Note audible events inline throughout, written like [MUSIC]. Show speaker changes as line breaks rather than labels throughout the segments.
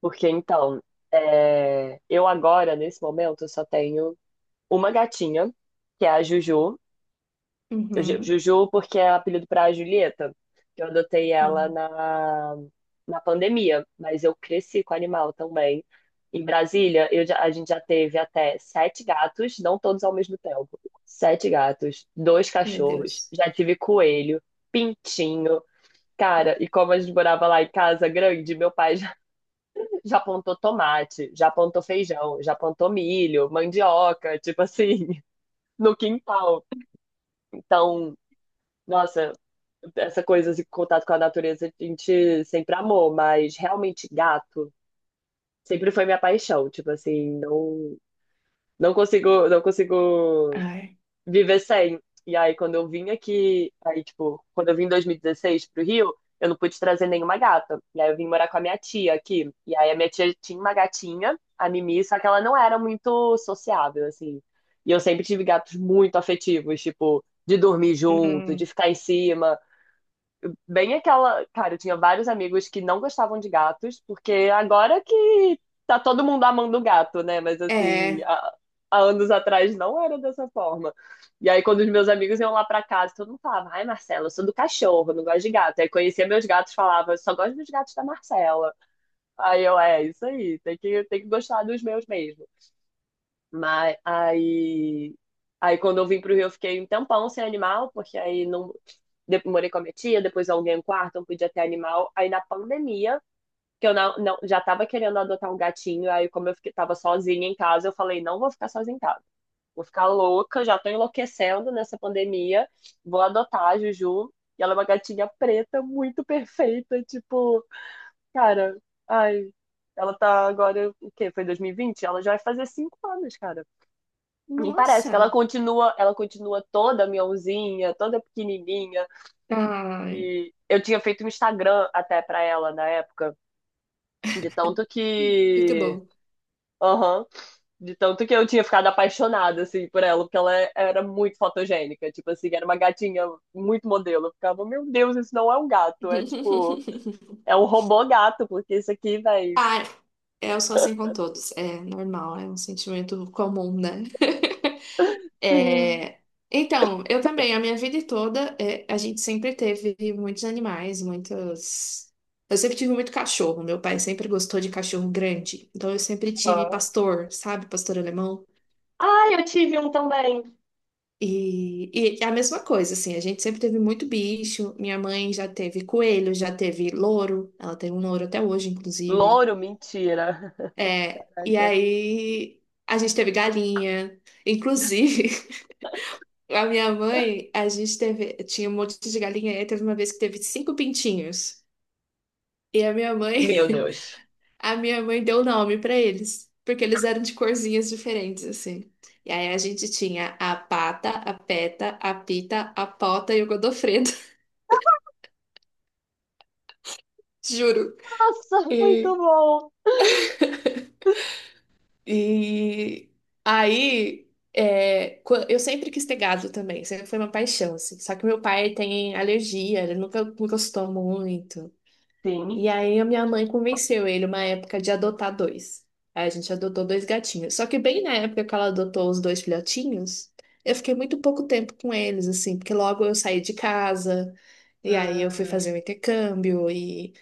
Porque então, é, eu agora, nesse momento, eu só tenho uma gatinha, que é a Juju.
Uhum.
Juju, porque é apelido para a Julieta, que eu adotei
Ah,
ela na, na pandemia, mas eu cresci com animal também. Em Brasília, a gente já teve até sete gatos, não todos ao mesmo tempo. Sete gatos, dois
meu
cachorros,
Deus.
já tive coelho, pintinho. Cara, e como a gente morava lá em casa grande, meu pai já plantou tomate, já plantou feijão, já plantou milho, mandioca, tipo assim, [LAUGHS] no quintal. Então, nossa, essa coisa de contato com a natureza a gente sempre amou, mas realmente gato sempre foi minha paixão, tipo assim, não não consigo
Ai.
viver sem. E aí, quando eu vim aqui, aí, tipo, quando eu vim em 2016 pro Rio, eu não pude trazer nenhuma gata. E aí eu vim morar com a minha tia aqui. E aí a minha tia tinha uma gatinha, a Mimi, só que ela não era muito sociável, assim. E eu sempre tive gatos muito afetivos, tipo, de dormir junto, de
Hum.
ficar em cima bem aquela. Cara, eu tinha vários amigos que não gostavam de gatos, porque agora que tá todo mundo amando gato, né? Mas assim,
É.
há anos atrás não era dessa forma. E aí, quando os meus amigos iam lá pra casa, todo mundo falava: Ai, Marcela, eu sou do cachorro, eu não gosto de gato. Aí conhecia meus gatos, falava: "Eu Só gosto dos gatos da Marcela. Aí eu, é, isso aí, tem que gostar dos meus mesmo. Mas aí, aí quando eu vim pro Rio, eu fiquei um tempão sem animal, porque aí não morei com a minha tia, depois aluguei um quarto, não podia ter animal. Aí na pandemia, que eu não, já tava querendo adotar um gatinho, aí como eu fiquei, tava sozinha em casa, eu falei, não vou ficar sozinha em casa. Vou ficar louca, já tô enlouquecendo nessa pandemia. Vou adotar a Juju. E ela é uma gatinha preta, muito perfeita, tipo, cara, ai, ela tá agora, o quê? Foi 2020. Ela já vai fazer 5 anos, cara. Me parece que ela
Nossa.
continua, ela continua toda miãozinha, toda pequenininha.
Ai.
E eu tinha feito um Instagram até pra ela na época, de tanto
Muito
que,
bom.
aham, de tanto que eu tinha ficado apaixonada assim por ela, porque ela era muito fotogênica, tipo assim, era uma gatinha muito modelo. Eu ficava, meu Deus, isso não é um gato, é tipo,
[LAUGHS]
é um robô gato, porque isso aqui, vai
Ai. Eu sou assim com todos. É normal, é um sentimento comum, né? [LAUGHS]
sim.
É, então, eu também, a minha vida toda, é, a gente sempre teve muitos animais, muitos. Eu sempre tive muito cachorro. Meu pai sempre gostou de cachorro grande. Então, eu sempre tive
Aham.
pastor, sabe? Pastor alemão.
Ah, eu tive um também.
E, e é a mesma coisa, assim, a gente sempre teve muito bicho. Minha mãe já teve coelho, já teve louro, ela tem um louro até hoje, inclusive.
Louro, mentira. [LAUGHS]
É, e
Caraca.
aí a gente teve galinha. Inclusive, [LAUGHS] a minha mãe, a gente teve, tinha um monte de galinha, e aí teve uma vez que teve cinco pintinhos. E a minha mãe,
Meu
[LAUGHS]
Deus.
a minha mãe deu nome pra eles, porque eles eram de corzinhas diferentes, assim. E aí a gente tinha a pata, a peta, a pita, a pota e o Godofredo. Juro.
Nossa, muito
E,
bom!
e aí, é, eu sempre quis ter gado também, sempre foi uma paixão, assim. Só que meu pai tem alergia, ele nunca, nunca gostou muito. E
Sim.
aí a minha mãe convenceu ele, uma época, de adotar dois. Aí a gente adotou dois gatinhos. Só que bem na época que ela adotou os dois filhotinhos, eu fiquei muito pouco tempo com eles, assim, porque logo eu saí de casa. E aí eu fui
Ah,
fazer o intercâmbio e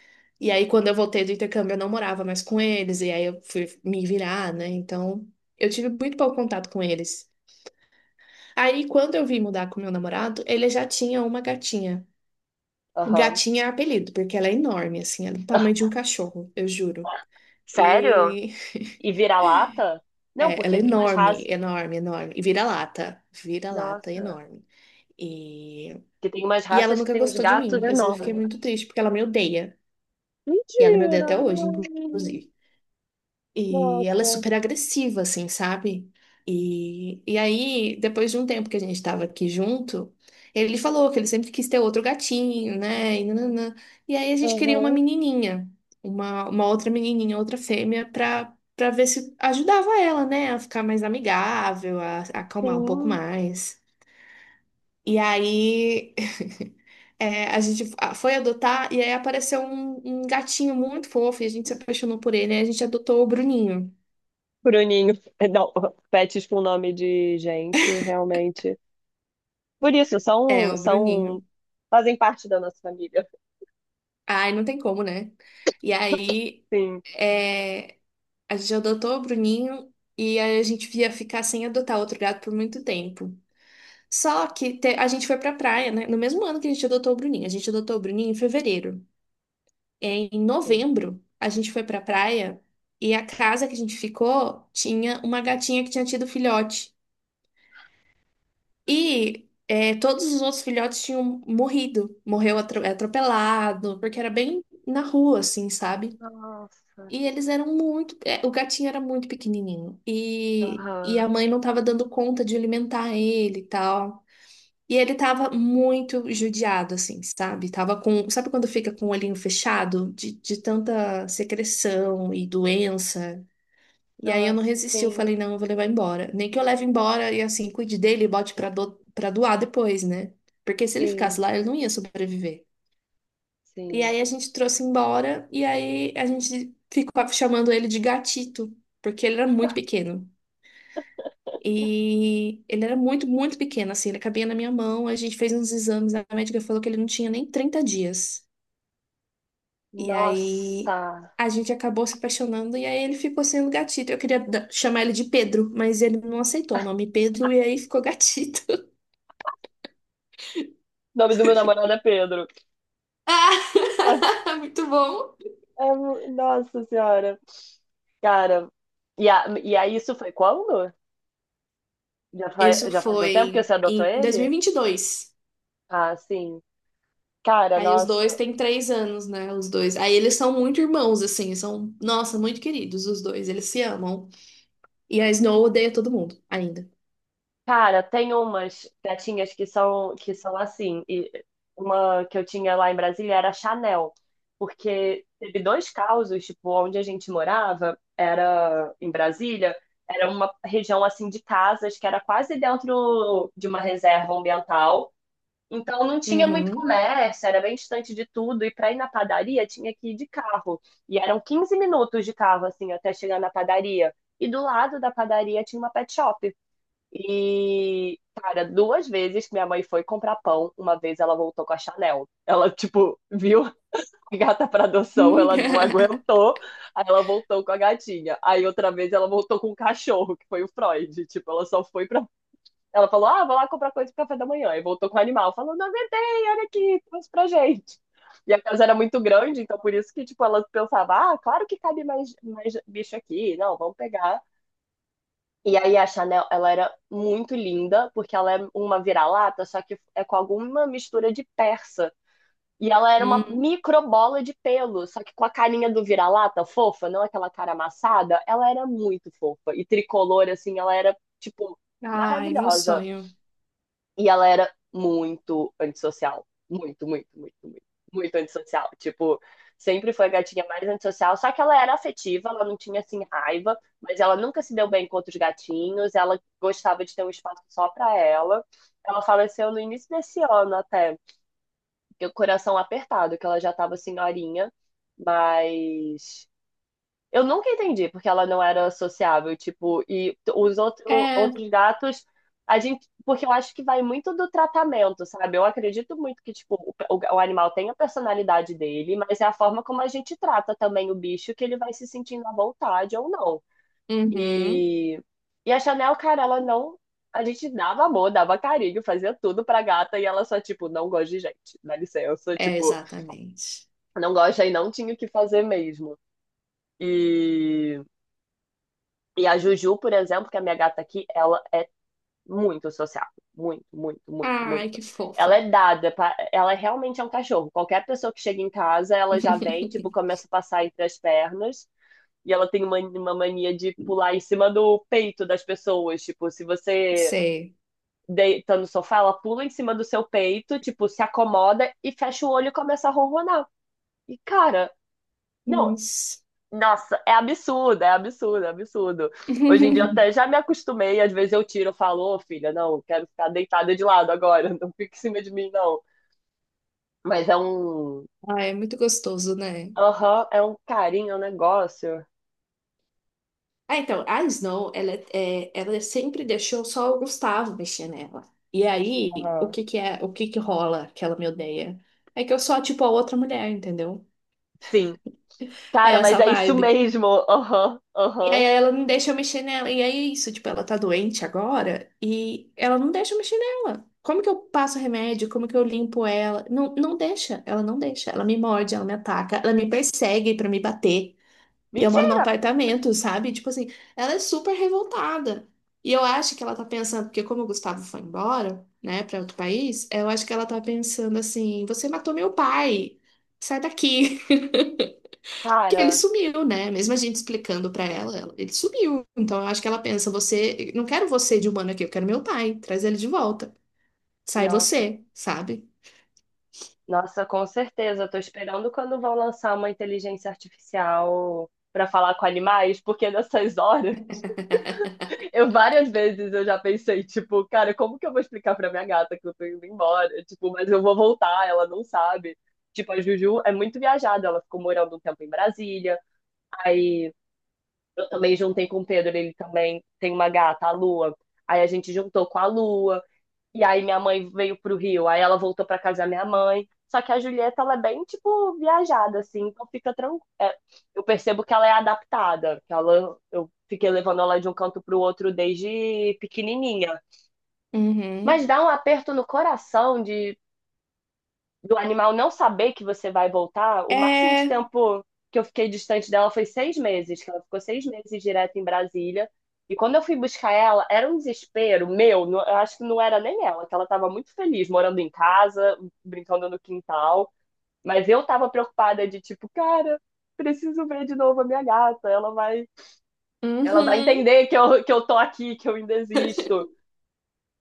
e aí quando eu voltei do intercâmbio, eu não morava mais com eles, e aí eu fui me virar, né? Então eu tive muito pouco contato com eles. Aí quando eu vim mudar com meu namorado, ele já tinha uma gatinha.
aham.
Gatinha é apelido, porque ela é enorme, assim, ela é do tamanho de um
[LAUGHS] Ah,
cachorro, eu juro.
sério?
E
E vira-lata?
[LAUGHS]
Não,
é, ela é
porque tem umas
enorme,
raças.
enorme, enorme. E vira-lata, vira-lata
Nossa.
enorme. E...
Porque tem umas
e ela
raças que
nunca
tem uns
gostou de
gatos
mim. Eu sempre fiquei
enormes.
muito triste, porque ela me odeia. E ela me odeia
Mentira!
até hoje,
Não.
inclusive. E ela é
Nossa.
super agressiva, assim, sabe? E aí, depois de um tempo que a gente tava aqui junto, ele falou que ele sempre quis ter outro gatinho, né? E, nananã. E aí a gente queria uma
Aham.
menininha, uma outra menininha, outra fêmea, pra ver se ajudava ela, né? A ficar mais amigável, a acalmar um pouco
Sim.
mais. E aí. É, a gente foi adotar e aí apareceu um gatinho muito fofo e a gente se apaixonou por ele. Aí a gente adotou o Bruninho.
Bruninho. [LAUGHS] Não, pets com nome de gente, realmente. Por isso,
É,
são,
o Bruninho.
são, fazem parte da nossa família.
Ai, não tem como, né? E aí
Sim.
é, a gente adotou o Bruninho e aí a gente ia ficar sem adotar outro gato por muito tempo. Só que a gente foi pra praia, né? No mesmo ano que a gente adotou o Bruninho. A gente adotou o Bruninho em fevereiro. Em
Sim.
novembro, a gente foi pra praia e a casa que a gente ficou tinha uma gatinha que tinha tido filhote. E todos os outros filhotes tinham morrido, morreu atropelado, porque era bem na rua, assim, sabe?
Nossa.
E eles eram muito. O gatinho era muito pequenininho. E
Aham.
a mãe não estava dando conta de alimentar ele e tal. E ele tava muito judiado, assim, sabe? Tava com. Sabe quando fica com o olhinho fechado? De tanta secreção e doença. E aí eu não
Nossa,
resisti, eu
sim,
falei: não, eu vou levar embora. Nem que eu leve embora e assim, cuide dele e bote pra doar depois, né? Porque se ele
sim.
ficasse lá, ele não ia sobreviver. E
Sim.
aí a gente trouxe embora e aí a gente ficou chamando ele de gatito, porque ele era muito pequeno. E ele era muito, muito pequeno, assim, ele cabia na minha mão. A gente fez uns exames, a médica falou que ele não tinha nem 30 dias. E
Nossa.
aí a gente acabou se apaixonando e aí ele ficou sendo gatito. Eu queria chamar ele de Pedro, mas ele não aceitou o nome Pedro e aí ficou gatito. [LAUGHS]
O nome do meu namorado é Pedro. [LAUGHS]
Ah, [LAUGHS] muito bom.
É mu- nossa senhora. Cara, e, a, e aí isso foi quando? Já faz,
Isso
já faz um tempo que
foi
você adotou
em dois mil e
ele?
e vinte e dois.
Ah, sim. Cara,
Aí os dois
nossa.
têm 3 anos, né? Os dois. Aí eles são muito irmãos, assim. São, nossa, muito queridos os dois. Eles se amam. E a Snow odeia todo mundo, ainda.
Cara, tem umas gatinhas que são assim. E uma que eu tinha lá em Brasília era a Chanel, porque teve dois casos, tipo, onde a gente morava, era em Brasília, era uma região assim de casas que era quase dentro de uma reserva ambiental. Então não tinha muito
Uhum.
comércio, era bem distante de tudo e para ir na padaria tinha que ir de carro. E eram 15 minutos de carro assim até chegar na padaria. E do lado da padaria tinha uma pet shop. E, cara, duas vezes que minha mãe foi comprar pão, uma vez ela voltou com a Chanel. Ela, tipo, viu a gata pra adoção, ela não
[LAUGHS]
aguentou, aí ela voltou com a gatinha. Aí outra vez ela voltou com um cachorro, que foi o Freud. Tipo, ela só foi pra. Ela falou, ah, vou lá comprar coisa pro café da manhã. E voltou com o animal, falou, não aguentei, olha aqui, trouxe pra gente. E a casa era muito grande, então por isso que, tipo, ela pensava, ah, claro que cabe mais, bicho aqui, não, vamos pegar. E aí a Chanel, ela era muito linda, porque ela é uma vira-lata, só que é com alguma mistura de persa. E ela era uma
Hum.
micro bola de pelo, só que com a carinha do vira-lata fofa, não aquela cara amassada, ela era muito fofa. E tricolor, assim, ela era, tipo,
Ai, meu
maravilhosa.
sonho.
E ela era muito antissocial. Muito, muito, muito, muito, muito antissocial. Tipo, sempre foi a gatinha mais antissocial, só que ela era afetiva, ela não tinha assim raiva, mas ela nunca se deu bem com outros gatinhos, ela gostava de ter um espaço só pra ela. Ela faleceu no início desse ano até, fiquei com o coração apertado, que ela já tava senhorinha, mas eu nunca entendi porque ela não era sociável, tipo, e os outro,
É.
outros gatos, a gente, porque eu acho que vai muito do tratamento, sabe? Eu acredito muito que, tipo, o animal tem a personalidade dele, mas é a forma como a gente trata também o bicho que ele vai se sentindo à vontade ou não.
Uhum.
E, e a Chanel, cara, ela não. A gente dava amor, dava carinho, fazia tudo pra gata e ela só, tipo, não gosta de gente, dá licença,
É,
tipo,
exatamente.
não gosta e não tinha o que fazer mesmo. E. E a Juju, por exemplo, que é a minha gata aqui, ela é muito sociável. Muito, muito, muito,
Ai, que
muito.
fofa.
Ela é dada, pra... ela realmente é um cachorro. Qualquer pessoa que chega em casa, ela já vem, tipo,
[LAUGHS]
começa a passar entre as pernas. E ela tem uma mania de pular em cima do peito das pessoas. Tipo, se você
Sei.
deita no sofá, ela pula em cima do seu peito, tipo, se acomoda e fecha o olho e começa a ronronar. E, cara, não,
Nossa.
nossa, é absurdo, é absurdo, é absurdo. Hoje em dia eu
[LAUGHS]
até já me acostumei, às vezes eu tiro, eu falo, ô filha, não, quero ficar deitada de lado agora, [LAUGHS] não fique em cima de mim, não. Mas é um.
Ah, é muito gostoso, né?
Aham, é um carinho, é um negócio.
Ah, então, a Snow, ela sempre deixou só o Gustavo mexer nela. E aí, o
Aham.
que que é, o que que rola que ela me odeia? É que eu sou, tipo, a outra mulher, entendeu?
Sim.
É
Cara, mas
essa
é isso
vibe.
mesmo. Aham,
E aí
aham.
ela não deixa eu mexer nela. E aí é isso, tipo, ela tá doente agora e ela não deixa eu mexer nela. Como que eu passo remédio? Como que eu limpo ela? Não, não deixa, ela não deixa. Ela me morde, ela me ataca, ela me persegue pra me bater. E eu moro num
Mentira!
apartamento, sabe? Tipo assim, ela é super revoltada. E eu acho que ela tá pensando, porque como o Gustavo foi embora, né, pra outro país, eu acho que ela tá pensando assim: você matou meu pai, sai daqui. [LAUGHS] Que ele
Cara,
sumiu, né? Mesmo a gente explicando pra ela, ele sumiu. Então eu acho que ela pensa: você, não quero você de humano aqui, eu quero meu pai, traz ele de volta. Sai
nossa,
você, sabe?
nossa, com certeza. Eu tô esperando quando vão lançar uma inteligência artificial pra falar com animais, porque nessas horas. Eu várias vezes eu já pensei, tipo, cara, como que eu vou explicar pra minha gata que eu tô indo embora? Tipo, mas eu vou voltar, ela não sabe. Tipo, a Juju é muito viajada, ela ficou morando um tempo em Brasília. Aí eu também juntei com o Pedro, ele também tem uma gata, a Lua. Aí a gente juntou com a Lua. E aí minha mãe veio pro Rio, aí ela voltou pra casa da minha mãe. Só que a Julieta, ela é bem, tipo, viajada, assim, então fica tranquila. Eu percebo que ela é adaptada, que ela, eu fiquei levando ela de um canto pro outro desde pequenininha. Mas
Uhum.
dá um aperto no coração de do animal não saber que você vai voltar, o máximo de
É.
tempo que eu fiquei distante dela foi 6 meses, que ela ficou 6 meses direto em Brasília. E quando eu fui buscar ela, era um desespero meu, não- eu acho que não era nem ela, que ela estava muito feliz morando em casa, brincando no quintal, mas eu estava preocupada de tipo, cara, preciso ver de novo a minha gata, ela vai
Uhum.
entender que eu, tô aqui, que eu ainda existo.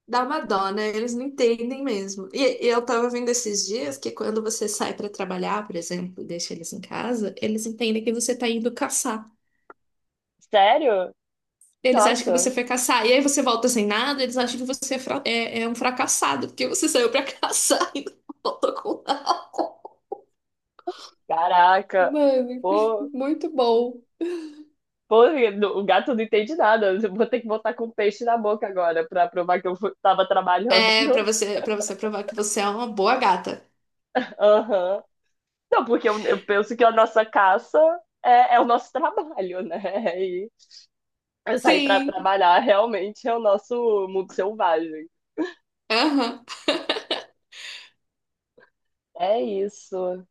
Dá uma dó, né? Eles não entendem mesmo. E eu tava vendo esses dias que quando você sai pra trabalhar, por exemplo, e deixa eles em casa, eles entendem que você tá indo caçar.
Sério?
Eles acham que você
Nossa,
foi caçar. E aí você volta sem nada, eles acham que você é um fracassado, porque você saiu pra [LAUGHS] caçar e não voltou com nada.
caraca.
Mano, [LAUGHS]
Pô,
muito bom.
pô, o gato não entende nada. Eu vou ter que botar com peixe na boca agora pra provar que tava trabalhando.
É, pra
[LAUGHS]
você, para você provar que você é uma boa gata.
Aham. Não, porque eu penso que a nossa caça é, é o nosso trabalho, né? [LAUGHS] E sair pra
Sim.
trabalhar realmente é o nosso mundo selvagem.
Aham.
É isso.